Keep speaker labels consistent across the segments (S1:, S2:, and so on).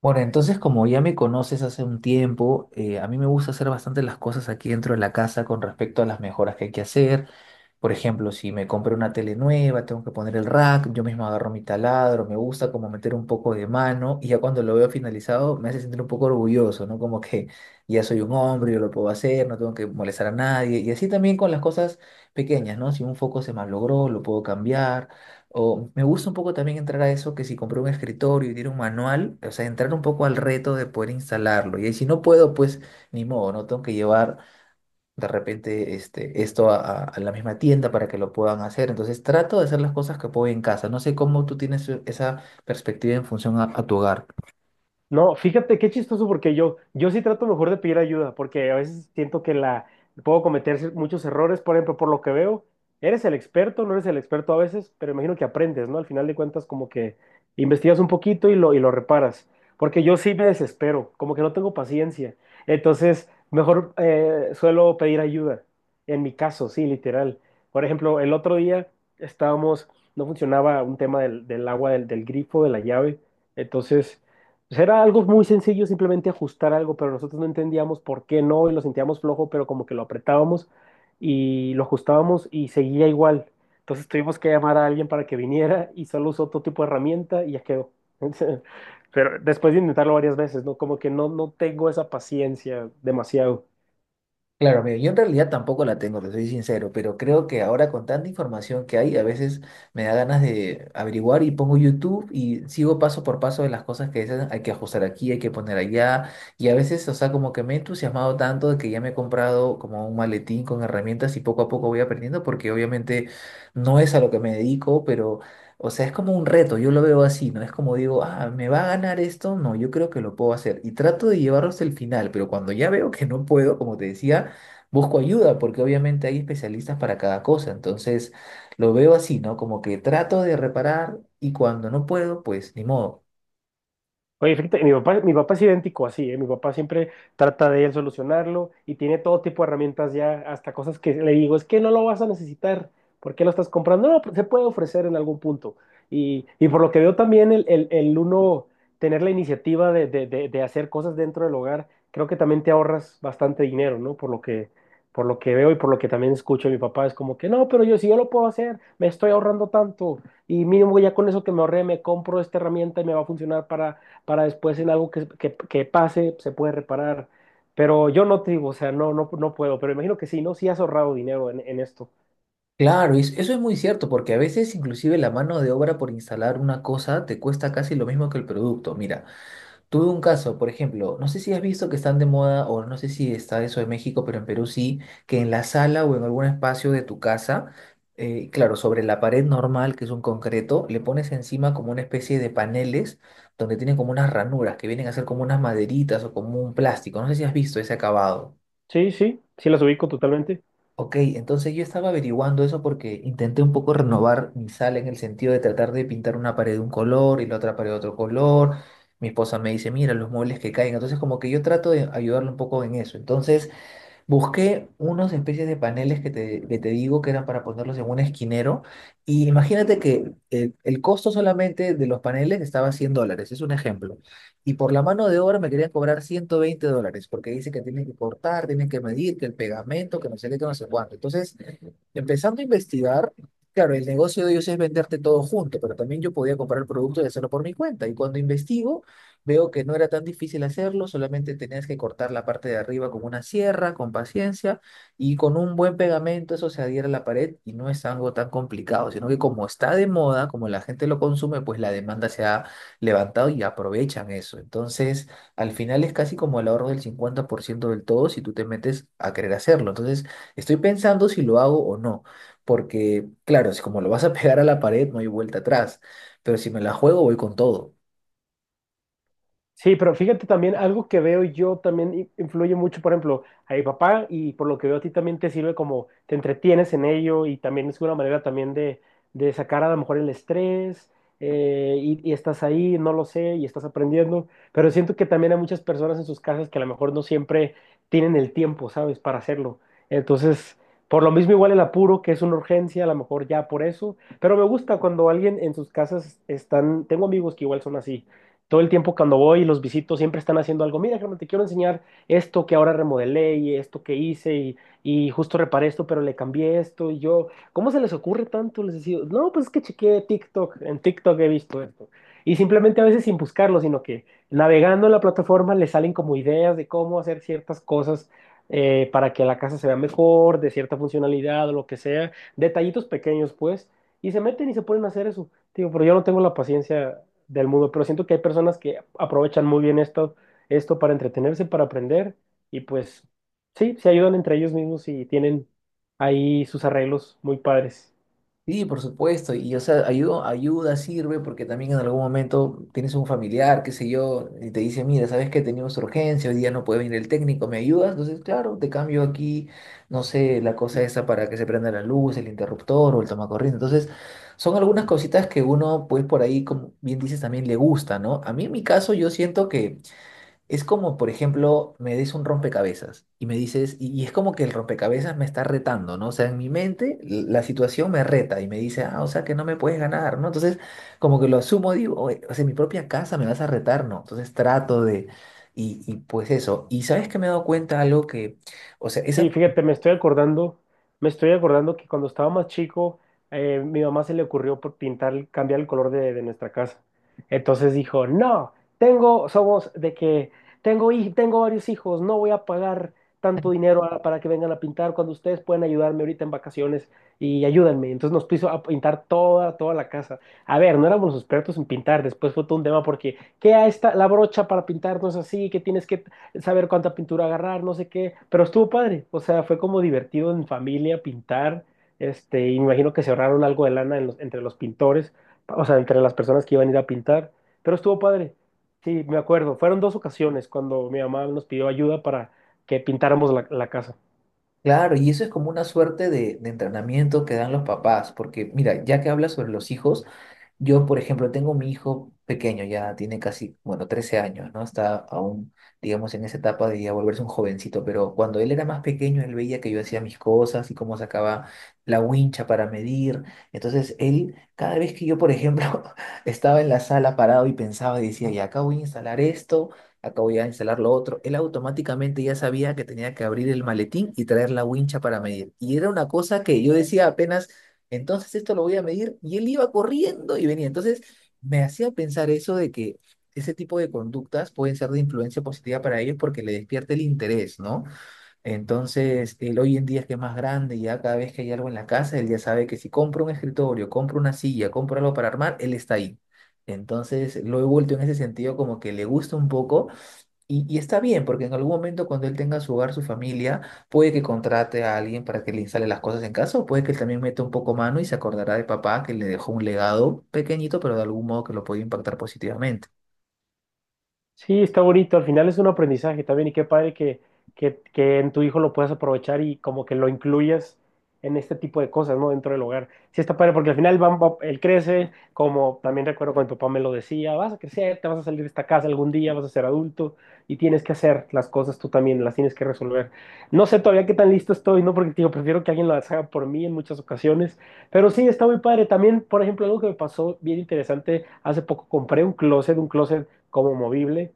S1: Bueno, entonces como ya me conoces hace un tiempo, a mí me gusta hacer bastante las cosas aquí dentro de la casa con respecto a las mejoras que hay que hacer. Por ejemplo, si me compré una tele nueva, tengo que poner el rack, yo mismo agarro mi taladro, me gusta como meter un poco de mano y ya cuando lo veo finalizado me hace sentir un poco orgulloso, ¿no? Como que ya soy un hombre, yo lo puedo hacer, no tengo que molestar a nadie. Y así también con las cosas pequeñas, ¿no? Si un foco se malogró, lo puedo cambiar. O me gusta un poco también entrar a eso que si compré un escritorio y tiene un manual, o sea, entrar un poco al reto de poder instalarlo. Y ahí si no puedo, pues ni modo, no tengo que llevar de repente a la misma tienda para que lo puedan hacer. Entonces trato de hacer las cosas que puedo en casa. No sé cómo tú tienes esa perspectiva en función a tu hogar.
S2: No, fíjate qué chistoso porque yo sí trato mejor de pedir ayuda porque a veces siento que la puedo cometer muchos errores, por ejemplo. Por lo que veo, eres el experto, no eres el experto a veces, pero imagino que aprendes, ¿no? Al final de cuentas como que investigas un poquito y lo reparas, porque yo sí me desespero, como que no tengo paciencia, entonces mejor suelo pedir ayuda, en mi caso, sí, literal. Por ejemplo, el otro día estábamos, no funcionaba un tema del agua del grifo, de la llave, entonces... Pues era algo muy sencillo, simplemente ajustar algo, pero nosotros no entendíamos por qué no y lo sentíamos flojo, pero como que lo apretábamos y lo ajustábamos y seguía igual. Entonces tuvimos que llamar a alguien para que viniera y solo usó otro tipo de herramienta y ya quedó. Pero después de intentarlo varias veces, ¿no? Como que no, no tengo esa paciencia demasiado.
S1: Claro, mira, yo en realidad tampoco la tengo, te soy sincero, pero creo que ahora con tanta información que hay, a veces me da ganas de averiguar y pongo YouTube y sigo paso por paso de las cosas que dicen, hay que ajustar aquí, hay que poner allá, y a veces, o sea, como que me he entusiasmado tanto de que ya me he comprado como un maletín con herramientas y poco a poco voy aprendiendo, porque obviamente no es a lo que me dedico, pero, o sea, es como un reto, yo lo veo así, ¿no? Es como digo, ah, ¿me va a ganar esto? No, yo creo que lo puedo hacer, y trato de llevarlo hasta el final, pero cuando ya veo que no puedo, como te decía, busco ayuda porque obviamente hay especialistas para cada cosa. Entonces lo veo así, ¿no? Como que trato de reparar y cuando no puedo, pues ni modo.
S2: Oye, fíjate, mi papá es idéntico así, ¿eh? Mi papá siempre trata de él solucionarlo y tiene todo tipo de herramientas ya, hasta cosas que le digo, es que no lo vas a necesitar, ¿por qué lo estás comprando? No, pues se puede ofrecer en algún punto. Y por lo que veo también el uno tener la iniciativa de hacer cosas dentro del hogar, creo que también te ahorras bastante dinero, ¿no? Por lo que veo y por lo que también escucho, mi papá es como que, no, pero yo si yo lo puedo hacer, me estoy ahorrando tanto y mínimo ya con eso que me ahorré, me compro esta herramienta y me va a funcionar para después en algo que pase se puede reparar. Pero yo no te digo, o sea, no, no, no puedo, pero imagino que sí, ¿no? Sí has ahorrado dinero en esto.
S1: Claro, y eso es muy cierto porque a veces inclusive la mano de obra por instalar una cosa te cuesta casi lo mismo que el producto. Mira. Tuve un caso, por ejemplo, no sé si has visto que están de moda, o no sé si está eso en México, pero en Perú sí, que en la sala o en algún espacio de tu casa, claro, sobre la pared normal, que es un concreto, le pones encima como una especie de paneles donde tienen como unas ranuras que vienen a ser como unas maderitas o como un plástico. No sé si has visto ese acabado.
S2: Sí, sí, sí las ubico totalmente.
S1: Ok, entonces yo estaba averiguando eso porque intenté un poco renovar mi sala en el sentido de tratar de pintar una pared de un color y la otra pared de otro color. Mi esposa me dice, mira, los muebles que caen. Entonces como que yo trato de ayudarle un poco en eso. Entonces busqué unas especies de paneles que te digo que eran para ponerlos en un esquinero. Y imagínate que el costo solamente de los paneles estaba $100, es un ejemplo. Y por la mano de obra me querían cobrar $120, porque dice que tienen que cortar, tienen que medir, que el pegamento, que no sé qué, que no sé cuánto. Entonces, empezando a investigar, claro, el negocio de ellos es venderte todo junto, pero también yo podía comprar el producto y hacerlo por mi cuenta. Y cuando investigo, veo que no era tan difícil hacerlo, solamente tenías que cortar la parte de arriba con una sierra, con paciencia, y con un buen pegamento eso se adhiere a la pared y no es algo tan complicado, sino que como está de moda, como la gente lo consume, pues la demanda se ha levantado y aprovechan eso. Entonces, al final es casi como el ahorro del 50% del todo si tú te metes a querer hacerlo. Entonces, estoy pensando si lo hago o no, porque claro, si como lo vas a pegar a la pared no hay vuelta atrás, pero si me la juego voy con todo.
S2: Sí, pero fíjate también, algo que veo yo también influye mucho, por ejemplo, a mi papá, y por lo que veo a ti también te sirve como te entretienes en ello, y también es una manera también de sacar a lo mejor el estrés, y estás ahí, no lo sé, y estás aprendiendo, pero siento que también hay muchas personas en sus casas que a lo mejor no siempre tienen el tiempo, ¿sabes?, para hacerlo. Entonces, por lo mismo igual el apuro, que es una urgencia, a lo mejor ya por eso, pero me gusta cuando alguien en sus casas están, tengo amigos que igual son así todo el tiempo, cuando voy y los visito siempre están haciendo algo. Mira, Germán, te quiero enseñar esto que ahora remodelé y esto que hice, y justo reparé esto, pero le cambié esto y yo, ¿cómo se les ocurre tanto? Les decía, no, pues es que chequeé TikTok, en TikTok he visto esto. Y simplemente a veces sin buscarlo, sino que navegando en la plataforma les salen como ideas de cómo hacer ciertas cosas, para que la casa se vea mejor, de cierta funcionalidad o lo que sea, detallitos pequeños pues, y se meten y se ponen a hacer eso. Digo, pero yo no tengo la paciencia del mundo, pero siento que hay personas que aprovechan muy bien esto para entretenerse, para aprender, y pues sí, se ayudan entre ellos mismos y tienen ahí sus arreglos muy padres.
S1: Sí, por supuesto, y o sea, ayuda sirve porque también en algún momento tienes un familiar, qué sé yo, y te dice, mira, sabes que tenemos urgencia, hoy día no puede venir el técnico, ¿me ayudas? Entonces, claro, te cambio aquí, no sé, la cosa esa para que se prenda la luz, el interruptor o el tomacorriente. Entonces, son algunas cositas que uno, pues por ahí, como bien dices, también le gusta, ¿no? A mí en mi caso yo siento que es como, por ejemplo, me des un rompecabezas y me dices, y es como que el rompecabezas me está retando, ¿no? O sea, en mi mente la situación me reta y me dice, ah, o sea, que no me puedes ganar, ¿no? Entonces, como que lo asumo, digo, "Oye, o sea, en mi propia casa me vas a retar, ¿no? Entonces trato de, y pues eso. Y sabes que me he dado cuenta algo que, o sea, esa,
S2: Sí, fíjate, me estoy acordando que cuando estaba más chico, mi mamá se le ocurrió por pintar, cambiar el color de nuestra casa. Entonces dijo, no, somos de que tengo varios hijos, no voy a pagar tanto dinero para que vengan a pintar cuando ustedes pueden ayudarme ahorita en vacaciones y ayúdenme. Entonces nos puso a pintar toda la casa. A ver, no éramos expertos en pintar, después fue todo un tema porque, ¿qué a esta, la brocha para pintar no es así? Qué tienes que saber cuánta pintura agarrar, no sé qué, pero estuvo padre, o sea, fue como divertido en familia pintar, y me imagino que se ahorraron algo de lana en entre los pintores, o sea, entre las personas que iban a ir a pintar, pero estuvo padre, sí, me acuerdo, fueron 2 ocasiones cuando mi mamá nos pidió ayuda para que pintáramos la casa.
S1: claro, y eso es como una suerte de entrenamiento que dan los papás, porque mira, ya que hablas sobre los hijos, yo, por ejemplo, tengo mi hijo pequeño, ya tiene casi, bueno, 13 años, ¿no? Está aún, digamos, en esa etapa de ya volverse un jovencito, pero cuando él era más pequeño, él veía que yo hacía mis cosas y cómo sacaba la wincha para medir. Entonces, él, cada vez que yo, por ejemplo, estaba en la sala parado y pensaba y decía, ya acá voy a instalar esto, acá voy a instalar lo otro, él automáticamente ya sabía que tenía que abrir el maletín y traer la wincha para medir. Y era una cosa que yo decía apenas entonces esto lo voy a medir y él iba corriendo y venía. Entonces me hacía pensar eso de que ese tipo de conductas pueden ser de influencia positiva para ellos porque le despierta el interés, ¿no? Entonces él hoy en día es que es más grande, ya cada vez que hay algo en la casa, él ya sabe que si compro un escritorio, compro una silla, compro algo para armar, él está ahí. Entonces lo he vuelto en ese sentido como que le gusta un poco y está bien, porque en algún momento cuando él tenga su hogar, su familia, puede que contrate a alguien para que le instale las cosas en casa, o puede que él también meta un poco mano y se acordará de papá que le dejó un legado pequeñito, pero de algún modo que lo puede impactar positivamente.
S2: Sí, está bonito. Al final es un aprendizaje también y qué padre que en tu hijo lo puedas aprovechar y como que lo incluyas en este tipo de cosas, ¿no? Dentro del hogar. Sí, está padre porque al final él crece, como también recuerdo cuando mi papá me lo decía, vas a crecer, te vas a salir de esta casa algún día, vas a ser adulto y tienes que hacer las cosas tú también, las tienes que resolver. No sé todavía qué tan listo estoy, ¿no? Porque te digo, prefiero que alguien lo haga por mí en muchas ocasiones, pero sí, está muy padre. También, por ejemplo, algo que me pasó bien interesante, hace poco compré un closet como movible,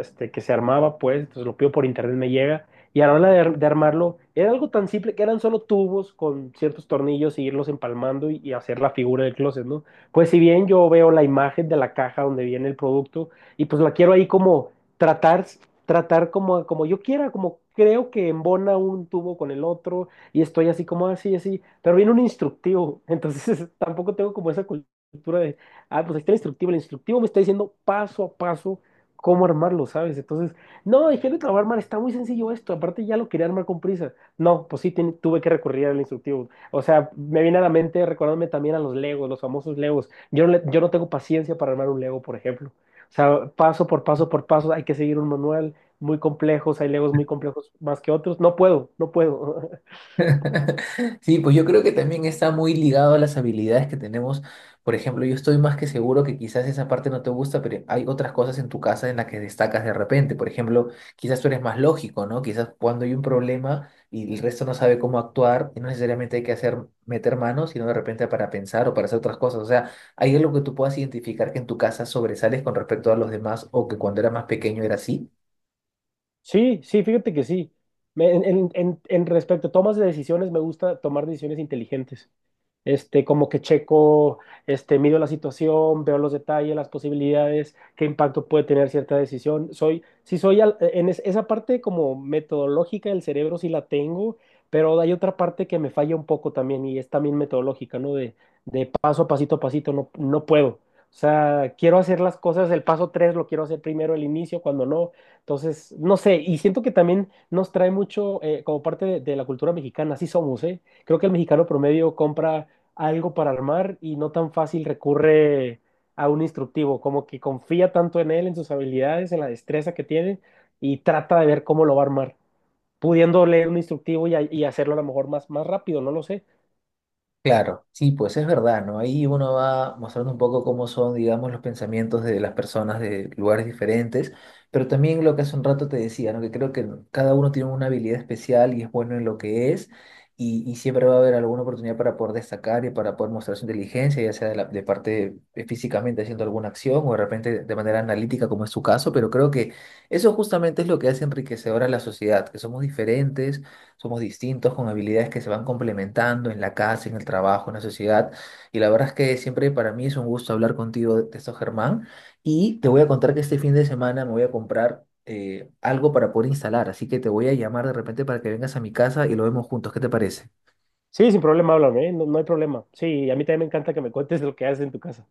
S2: que se armaba, pues, entonces lo pido por internet, me llega. Y a la hora de armarlo, era algo tan simple que eran solo tubos con ciertos tornillos y irlos empalmando y hacer la figura del closet, ¿no? Pues si bien yo veo la imagen de la caja donde viene el producto y pues la quiero ahí como tratar, tratar como, como yo quiera, como creo que embona un tubo con el otro y estoy así como así, así, pero viene un instructivo, entonces tampoco tengo como esa cultura de, ah, pues ahí está el instructivo. El instructivo me está diciendo paso a paso cómo armarlo, ¿sabes? Entonces, no, dije de trabajar armar, está muy sencillo esto. Aparte, ya lo quería armar con prisa. No, pues sí, tuve que recurrir al instructivo. O sea, me viene a la mente recordándome también a los Legos, los famosos Legos. Yo no tengo paciencia para armar un Lego, por ejemplo. O sea, paso por paso por paso, hay que seguir un manual muy complejos. Hay Legos muy complejos más que otros. No puedo, no puedo.
S1: Sí, pues yo creo que también está muy ligado a las habilidades que tenemos. Por ejemplo, yo estoy más que seguro que quizás esa parte no te gusta, pero hay otras cosas en tu casa en las que destacas de repente. Por ejemplo, quizás tú eres más lógico, ¿no? Quizás cuando hay un problema y el resto no sabe cómo actuar, y no necesariamente hay que hacer meter manos, sino de repente para pensar o para hacer otras cosas. O sea, hay algo que tú puedas identificar que en tu casa sobresales con respecto a los demás o que cuando eras más pequeño era así.
S2: Sí, sí, fíjate que sí. En respecto a tomas de decisiones, me gusta tomar decisiones inteligentes. Como que checo, mido la situación, veo los detalles, las posibilidades, qué impacto puede tener cierta decisión. Sí soy esa parte como metodológica del cerebro sí la tengo, pero hay otra parte que me falla un poco también y es también metodológica, ¿no? De paso a pasito, no, no puedo. O sea, quiero hacer las cosas, el paso 3 lo quiero hacer primero, el inicio, cuando no. Entonces, no sé, y siento que también nos trae mucho como parte de la cultura mexicana, así somos, ¿eh? Creo que el mexicano promedio compra algo para armar y no tan fácil recurre a un instructivo, como que confía tanto en él, en sus habilidades, en la destreza que tiene y trata de ver cómo lo va a armar, pudiendo leer un instructivo y hacerlo a lo mejor más, más rápido, no lo sé.
S1: Claro, sí, pues es verdad, ¿no? Ahí uno va mostrando un poco cómo son, digamos, los pensamientos de las personas de lugares diferentes, pero también lo que hace un rato te decía, ¿no? Que creo que cada uno tiene una habilidad especial y es bueno en lo que es, y siempre va a haber alguna oportunidad para poder destacar y para poder mostrar su inteligencia, ya sea de, de parte físicamente haciendo alguna acción o de repente de manera analítica, como es su caso, pero creo que eso justamente es lo que hace enriquecedora a la sociedad, que somos diferentes somos distintos con habilidades que se van complementando en la casa, en el trabajo, en la sociedad. Y la verdad es que siempre para mí es un gusto hablar contigo de esto, Germán. Y te voy a contar que este fin de semana me voy a comprar algo para poder instalar, así que te voy a llamar de repente para que vengas a mi casa y lo vemos juntos. ¿Qué te parece?
S2: Sí, sin problema, háblame, ¿eh? No, no hay problema. Sí, a mí también me encanta que me cuentes lo que haces en tu casa.